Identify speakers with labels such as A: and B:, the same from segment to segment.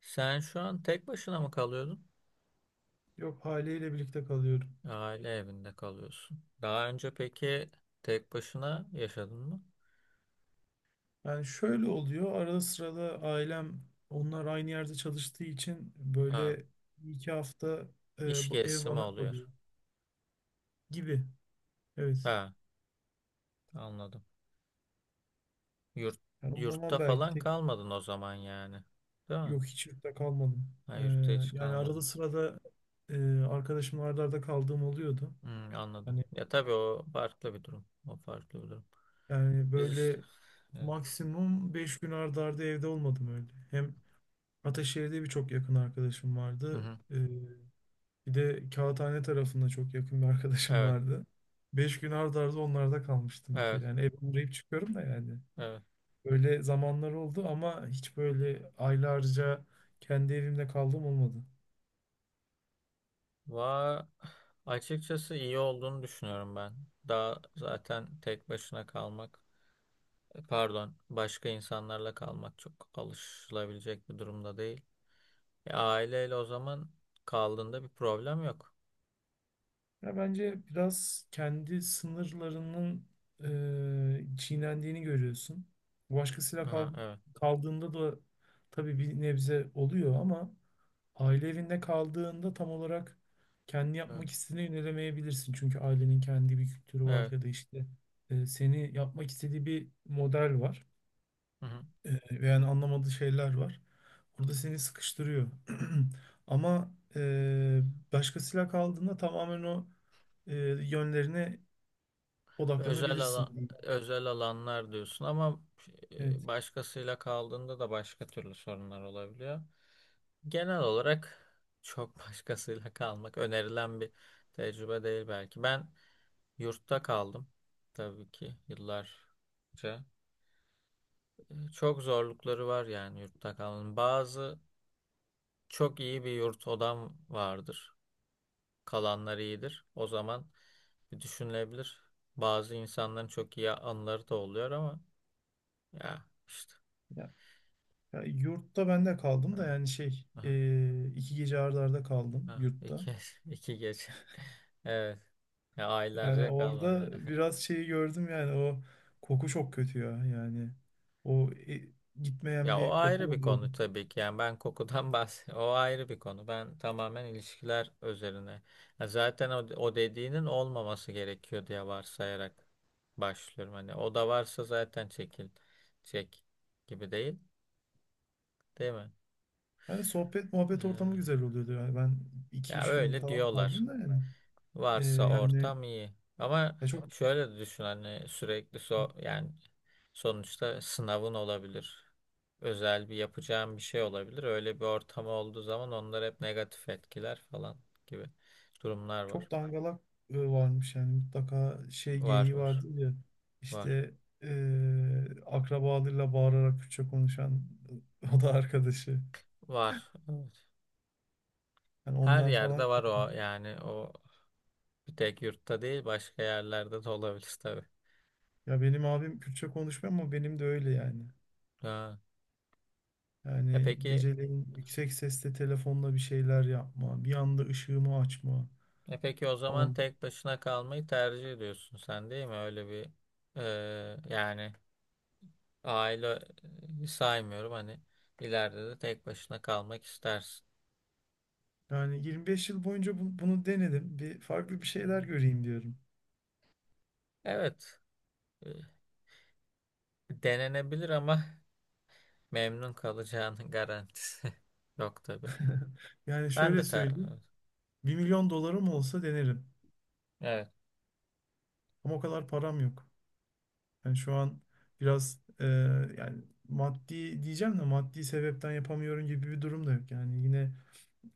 A: Sen şu an tek başına mı kalıyordun?
B: Yok, haliyle birlikte kalıyorum.
A: Aile evinde kalıyorsun. Daha önce peki tek başına yaşadın mı?
B: Yani şöyle oluyor, arada sırada ailem, onlar aynı yerde çalıştığı için
A: Ha,
B: böyle 2 hafta
A: iş
B: bu ev
A: gezisi mi
B: bana kalıyor
A: oluyor?
B: gibi. Evet.
A: Ha, anladım. Yurt,
B: Yani o zaman
A: yurtta
B: belki
A: falan
B: tek,
A: kalmadın o zaman yani. Değil mi?
B: yok hiç yurtta kalmadım.
A: Ha,
B: E,
A: yurtta hiç
B: Yani arada
A: kalmadın.
B: sırada, e, arkadaşımla arda arda kaldığım oluyordu.
A: Hmm, anladım.
B: Hani
A: Ya tabii o farklı bir durum. O farklı bir durum.
B: yani
A: Biz işte.
B: böyle
A: Evet.
B: maksimum 5 gün arda arda evde olmadım öyle. Hem Ataşehir'de birçok yakın arkadaşım
A: Hı
B: vardı.
A: hı.
B: Bir de Kağıthane tarafında çok yakın bir arkadaşım
A: Evet.
B: vardı. 5 gün ard arda onlarda kalmıştım bir
A: Evet.
B: kere. Yani ev uğrayıp çıkıyorum da yani.
A: Evet.
B: Böyle zamanlar oldu ama hiç böyle aylarca kendi evimde kaldığım olmadı.
A: Va açıkçası iyi olduğunu düşünüyorum ben. Daha zaten tek başına kalmak. Pardon, başka insanlarla kalmak çok alışılabilecek bir durumda değil. Aileyle o zaman kaldığında bir problem yok.
B: Ya bence biraz kendi sınırlarının çiğnendiğini görüyorsun. Başkasıyla
A: Aha,
B: kal
A: evet,
B: Kaldığında da tabii bir nebze oluyor ama aile evinde kaldığında tam olarak kendi
A: evet,
B: yapmak istediğini yönelemeyebilirsin. Çünkü ailenin kendi bir kültürü var,
A: evet.
B: ya da işte seni yapmak istediği bir model var.
A: Hı hı.
B: Ve yani anlamadığı şeyler var. Orada seni sıkıştırıyor. Ama başkasıyla kaldığında tamamen o yönlerine
A: Özel
B: odaklanabilirsin
A: alan,
B: diyeyim.
A: özel alanlar diyorsun ama
B: Evet.
A: başkasıyla kaldığında da başka türlü sorunlar olabiliyor. Genel olarak çok başkasıyla kalmak önerilen bir tecrübe değil belki. Ben yurtta kaldım tabii ki yıllarca. Çok zorlukları var yani yurtta kalmanın. Bazı çok iyi bir yurt odam vardır. Kalanlar iyidir. O zaman bir düşünülebilir. Bazı insanların çok iyi anıları da oluyor ama ya işte.
B: Ya, ya yurtta ben de kaldım
A: Ha,
B: da, yani şey,
A: ha,
B: 2 gece arda arda kaldım
A: ha.
B: yurtta.
A: İki, iki gece. Evet. Ya
B: Yani
A: aylarca
B: orada
A: kalmadı.
B: biraz şeyi gördüm, yani o koku çok kötü ya yani. O gitmeyen
A: Ya o
B: bir
A: ayrı
B: koku
A: bir
B: oluyordu.
A: konu tabii ki. Yani ben kokudan bahs o ayrı bir konu. Ben tamamen ilişkiler üzerine. Ya zaten o dediğinin olmaması gerekiyor diye varsayarak başlıyorum. Hani o da varsa zaten çekil çek gibi değil, değil mi?
B: Yani sohbet muhabbet
A: Ee,
B: ortamı güzel oluyordu, yani ben iki
A: Ya
B: üç gün
A: öyle
B: falan
A: diyorlar.
B: kaldım da yani. E,
A: Varsa
B: yani
A: ortam iyi. Ama
B: Ya çok
A: şöyle de düşün hani sürekli so yani sonuçta sınavın olabilir. Özel bir yapacağım bir şey olabilir. Öyle bir ortam olduğu zaman onlar hep negatif etkiler falan gibi durumlar
B: çok
A: var.
B: dangalak varmış, yani mutlaka şey
A: Var
B: geyiği
A: var
B: vardı ya,
A: var
B: işte akrabalarıyla bağırarak Kürtçe konuşan o da arkadaşı.
A: var. Evet.
B: Yani
A: Her
B: onlar falan
A: yerde var
B: kötü.
A: o yani o bir tek yurtta değil başka yerlerde de olabilir tabii.
B: Ya benim abim Kürtçe konuşmuyor ama benim de öyle yani.
A: Ha. E
B: Yani
A: peki
B: geceleyin yüksek sesle telefonla bir şeyler yapma, bir anda ışığımı açma
A: e peki o zaman
B: falan.
A: tek başına kalmayı tercih ediyorsun sen değil mi? Öyle bir yani aile saymıyorum hani ileride de tek başına kalmak istersin.
B: Yani 25 yıl boyunca bunu denedim. Bir farklı bir
A: Hı.
B: şeyler göreyim diyorum.
A: Evet. e, Denenebilir ama memnun kalacağının garantisi yok tabii.
B: Yani
A: Ben
B: şöyle
A: de ter.
B: söyleyeyim, 1.000.000 dolarım olsa denerim.
A: Evet.
B: Ama o kadar param yok. Yani şu an biraz yani maddi diyeceğim de, maddi sebepten yapamıyorum gibi bir durum da yok. Yani yine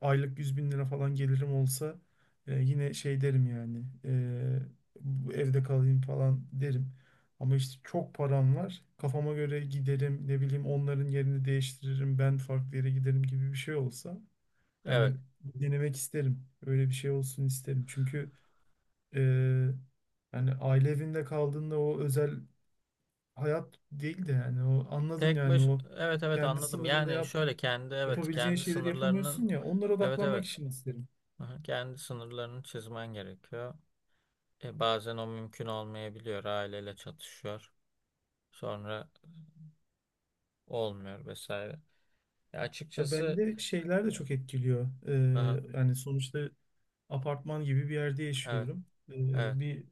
B: aylık 100.000 lira falan gelirim olsa, yine şey derim yani, bu evde kalayım falan derim. Ama işte çok param var, kafama göre giderim, ne bileyim, onların yerini değiştiririm, ben farklı yere giderim gibi bir şey olsa,
A: Evet.
B: yani denemek isterim. Öyle bir şey olsun isterim. Çünkü e, aile evinde kaldığında o özel hayat değil de, yani o anladın
A: Tek
B: yani
A: baş
B: o
A: evet evet
B: kendi
A: anladım.
B: sınırında
A: Yani şöyle kendi evet
B: yapabileceğin
A: kendi
B: şeyleri
A: sınırlarının
B: yapamıyorsun ya, onlara
A: evet
B: odaklanmak
A: evet.
B: için isterim.
A: Aha, kendi sınırlarını çizmen gerekiyor. E, bazen o mümkün olmayabiliyor. Aileyle çatışıyor. Sonra olmuyor vesaire. E,
B: Ya
A: açıkçası
B: bende şeyler de
A: e,
B: çok etkiliyor.
A: aha,
B: Yani sonuçta apartman gibi bir yerde
A: evet
B: yaşıyorum.
A: evet
B: Bir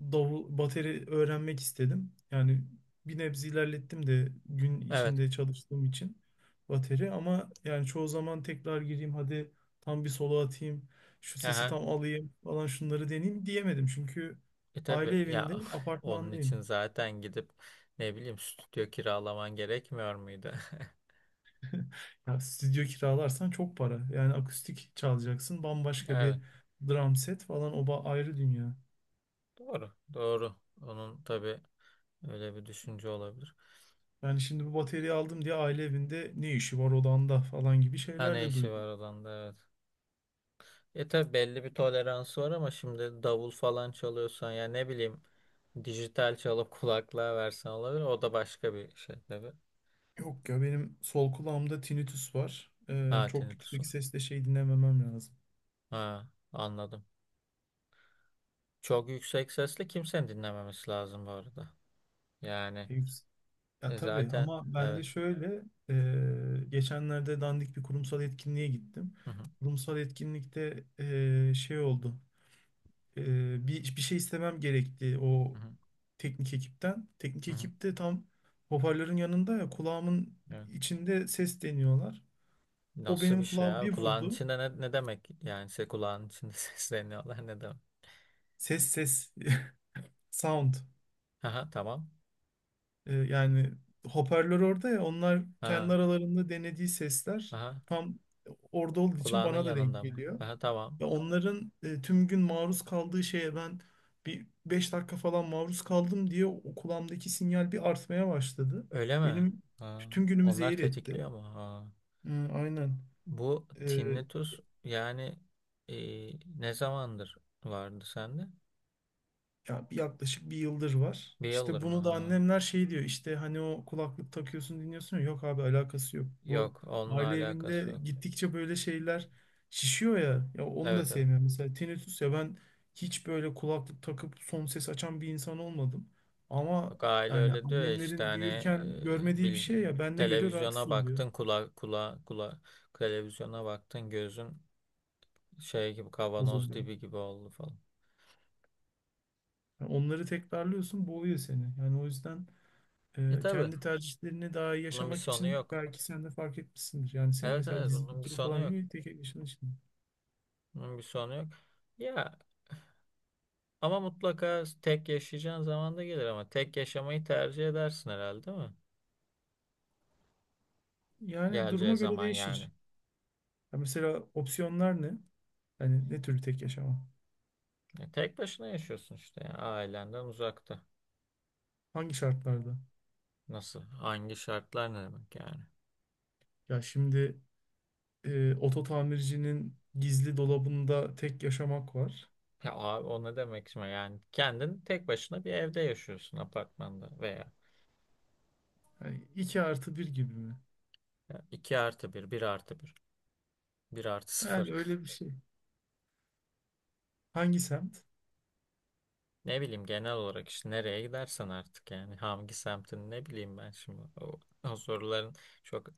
B: davul, bateri öğrenmek istedim. Yani bir nebze ilerlettim de, gün
A: evet.
B: içinde çalıştığım için bateri. Ama yani çoğu zaman tekrar gireyim hadi, tam bir solo atayım, şu sesi
A: Aha.
B: tam alayım falan, şunları deneyeyim diyemedim. Çünkü
A: E tabii
B: aile evinde,
A: ya onun için
B: apartmandayım.
A: zaten gidip ne bileyim stüdyo kiralaman gerekmiyor muydu?
B: Ya stüdyo kiralarsan çok para. Yani akustik çalacaksın. Bambaşka
A: Evet
B: bir drum set falan, ayrı dünya.
A: doğru doğru. Onun tabii öyle bir düşünce olabilir.
B: Yani şimdi bu bataryayı aldım diye aile evinde ne işi var odanda falan gibi
A: Ha
B: şeyler
A: ne
B: de
A: işi
B: duydum.
A: var adamda evet. E tabii belli bir toleransı var ama şimdi davul falan çalıyorsan ya ne bileyim dijital çalıp kulaklığa versen olabilir. O da başka bir şey tabii.
B: Yok ya, benim sol kulağımda tinnitus var.
A: Ha
B: Çok
A: tinnitus
B: yüksek
A: var.
B: sesle şey dinlememem lazım.
A: Ha anladım. Çok yüksek sesle kimsenin dinlememesi lazım bu arada. Yani
B: E, yüks- Ya tabii
A: zaten
B: ama ben de
A: evet.
B: şöyle, geçenlerde dandik bir kurumsal etkinliğe gittim.
A: Hı hı.
B: Kurumsal etkinlikte şey oldu. Bir şey istemem gerekti
A: Hı
B: o
A: hı,
B: teknik ekipten. Teknik
A: hı hı.
B: ekip de tam hoparlörün yanında ya, kulağımın
A: Evet.
B: içinde ses deniyorlar. O
A: Nasıl bir
B: benim
A: şey
B: kulağım
A: abi?
B: bir
A: Kulağın
B: vurdu.
A: içinde ne demek? Yani şey kulağın içinde sesleniyorlar ne demek?
B: Ses sound.
A: Aha tamam.
B: Yani hoparlör orada ya, onlar
A: Ha,
B: kendi aralarında denediği sesler
A: aha.
B: tam orada olduğu için
A: Kulağının
B: bana da denk
A: yanında mı?
B: geliyor.
A: Aha tamam.
B: Ya onların tüm gün maruz kaldığı şeye ben bir 5 dakika falan maruz kaldım diye o kulağımdaki sinyal bir artmaya başladı.
A: Öyle mi?
B: Benim
A: Ha.
B: tüm günümü
A: Onlar
B: zehir etti.
A: tetikliyor mu? Ha.
B: Hı, aynen.
A: Bu tinnitus yani e, ne zamandır vardı sende?
B: Yaklaşık bir yıldır var.
A: Bir yıldır
B: İşte
A: mı?
B: bunu da
A: Ha.
B: annemler şey diyor, işte hani o kulaklık takıyorsun dinliyorsun ya, yok abi alakası yok. Bu
A: Yok onunla
B: aile
A: alakası
B: evinde
A: yok.
B: gittikçe böyle şeyler şişiyor ya, onu da
A: Evet evet.
B: sevmiyorum. Mesela tinnitus ya, ben hiç böyle kulaklık takıp son ses açan bir insan olmadım. Ama
A: Yok, aile
B: yani
A: öyle diyor ya işte
B: annemlerin
A: hani
B: büyürken görmediği bir
A: bilgi,
B: şey ya, bende göre rahatsız
A: televizyona
B: oluyor,
A: baktın kula kula kula televizyona baktın gözün şey gibi kavanoz
B: bozuluyor.
A: dibi gibi oldu falan.
B: Yani onları tekrarlıyorsun, boğuyor seni. Yani o yüzden
A: E tabii
B: Kendi tercihlerini daha iyi
A: bunun bir
B: yaşamak
A: sonu
B: için
A: yok.
B: belki sen de fark etmişsindir. Yani senin
A: Evet
B: mesela
A: evet
B: dizi
A: bunun bir
B: kültürü
A: sonu
B: falan iyi
A: yok.
B: mi? Tek yaşadığın için.
A: Bunun bir sonu yok. Ya ama mutlaka tek yaşayacağın zaman da gelir ama tek yaşamayı tercih edersin herhalde değil mi?
B: Yani
A: Geleceği
B: duruma göre
A: zaman yani.
B: değişir. Ya mesela opsiyonlar ne? Yani ne türlü tek yaşama?
A: E, tek başına yaşıyorsun işte ya, ailenden uzakta.
B: Hangi şartlarda?
A: Nasıl? Hangi şartlar ne demek yani?
B: Ya şimdi oto tamircinin gizli dolabında tek yaşamak var.
A: Ya abi o ne demek şimdi yani kendin tek başına bir evde yaşıyorsun apartmanda veya
B: Yani 2 artı bir gibi mi?
A: ya 2 artı bir bir artı bir bir artı sıfır.
B: Yani öyle bir şey. Hangi semt?
A: Ne bileyim genel olarak işte nereye gidersen artık yani hangi semtin ne bileyim ben şimdi o soruların çok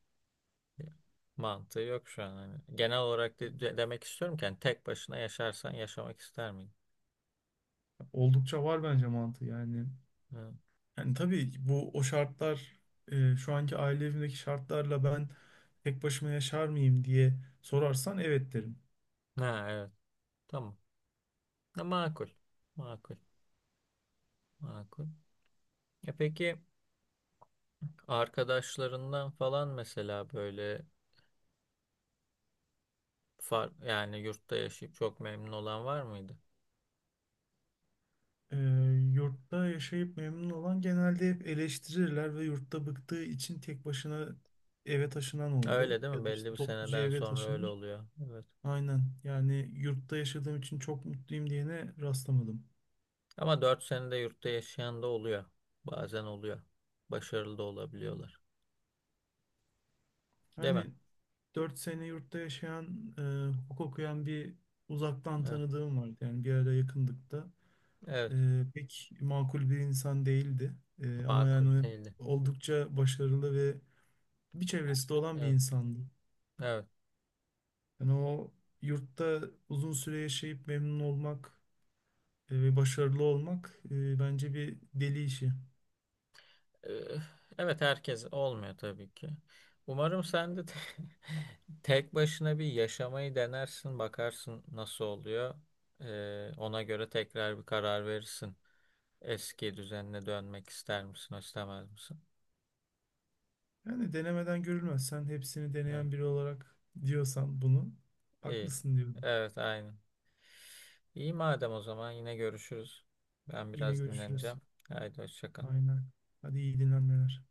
A: mantığı yok şu an. Hani. Genel olarak demek istiyorum ki hani tek başına yaşarsan yaşamak ister miydin?
B: Oldukça var bence mantığı yani.
A: Ha.
B: Yani tabii bu o şartlar, şu anki aile evimdeki şartlarla ben tek başıma yaşar mıyım diye sorarsan evet derim.
A: Ha, evet tamam. Ha, makul. Makul. Makul. E peki arkadaşlarından falan mesela böyle. Far, yani yurtta yaşayıp çok memnun olan var mıydı?
B: E, Yurtta yaşayıp memnun olan genelde hep eleştirirler ve yurtta bıktığı için tek başına eve taşınan oldu.
A: Öyle değil
B: Ya
A: mi?
B: da
A: Belli
B: işte
A: bir
B: topluca
A: seneden
B: eve
A: sonra öyle
B: taşınır.
A: oluyor. Evet.
B: Aynen, yani yurtta yaşadığım için çok mutluyum diyene rastlamadım.
A: Ama 4 senede yurtta yaşayan da oluyor. Bazen oluyor. Başarılı da olabiliyorlar. Değil mi?
B: Hani 4 sene yurtta yaşayan, hukuk okuyan bir uzaktan
A: Evet.
B: tanıdığım vardı. Yani bir ara yakındık da.
A: Evet.
B: Pek makul bir insan değildi. Ama
A: Makul
B: yani
A: değildi.
B: oldukça başarılı ve bir çevresi de olan bir
A: Evet.
B: insandı.
A: Evet.
B: Yani o yurtta uzun süre yaşayıp memnun olmak ve başarılı olmak, bence bir deli işi.
A: Ee, evet herkes olmuyor tabii ki. Umarım sen de te- tek başına bir yaşamayı denersin, bakarsın nasıl oluyor. Ona göre tekrar bir karar verirsin. Eski düzenine dönmek ister misin, istemez misin?
B: Yani denemeden görülmez. Sen hepsini
A: Evet,
B: deneyen biri olarak diyorsan bunu,
A: iyi.
B: haklısın diyorum.
A: Evet, aynen. İyi madem o zaman yine görüşürüz. Ben
B: Yine
A: biraz
B: görüşürüz.
A: dinleneceğim. Haydi hoşça kal.
B: Aynen. Hadi iyi dinlenmeler.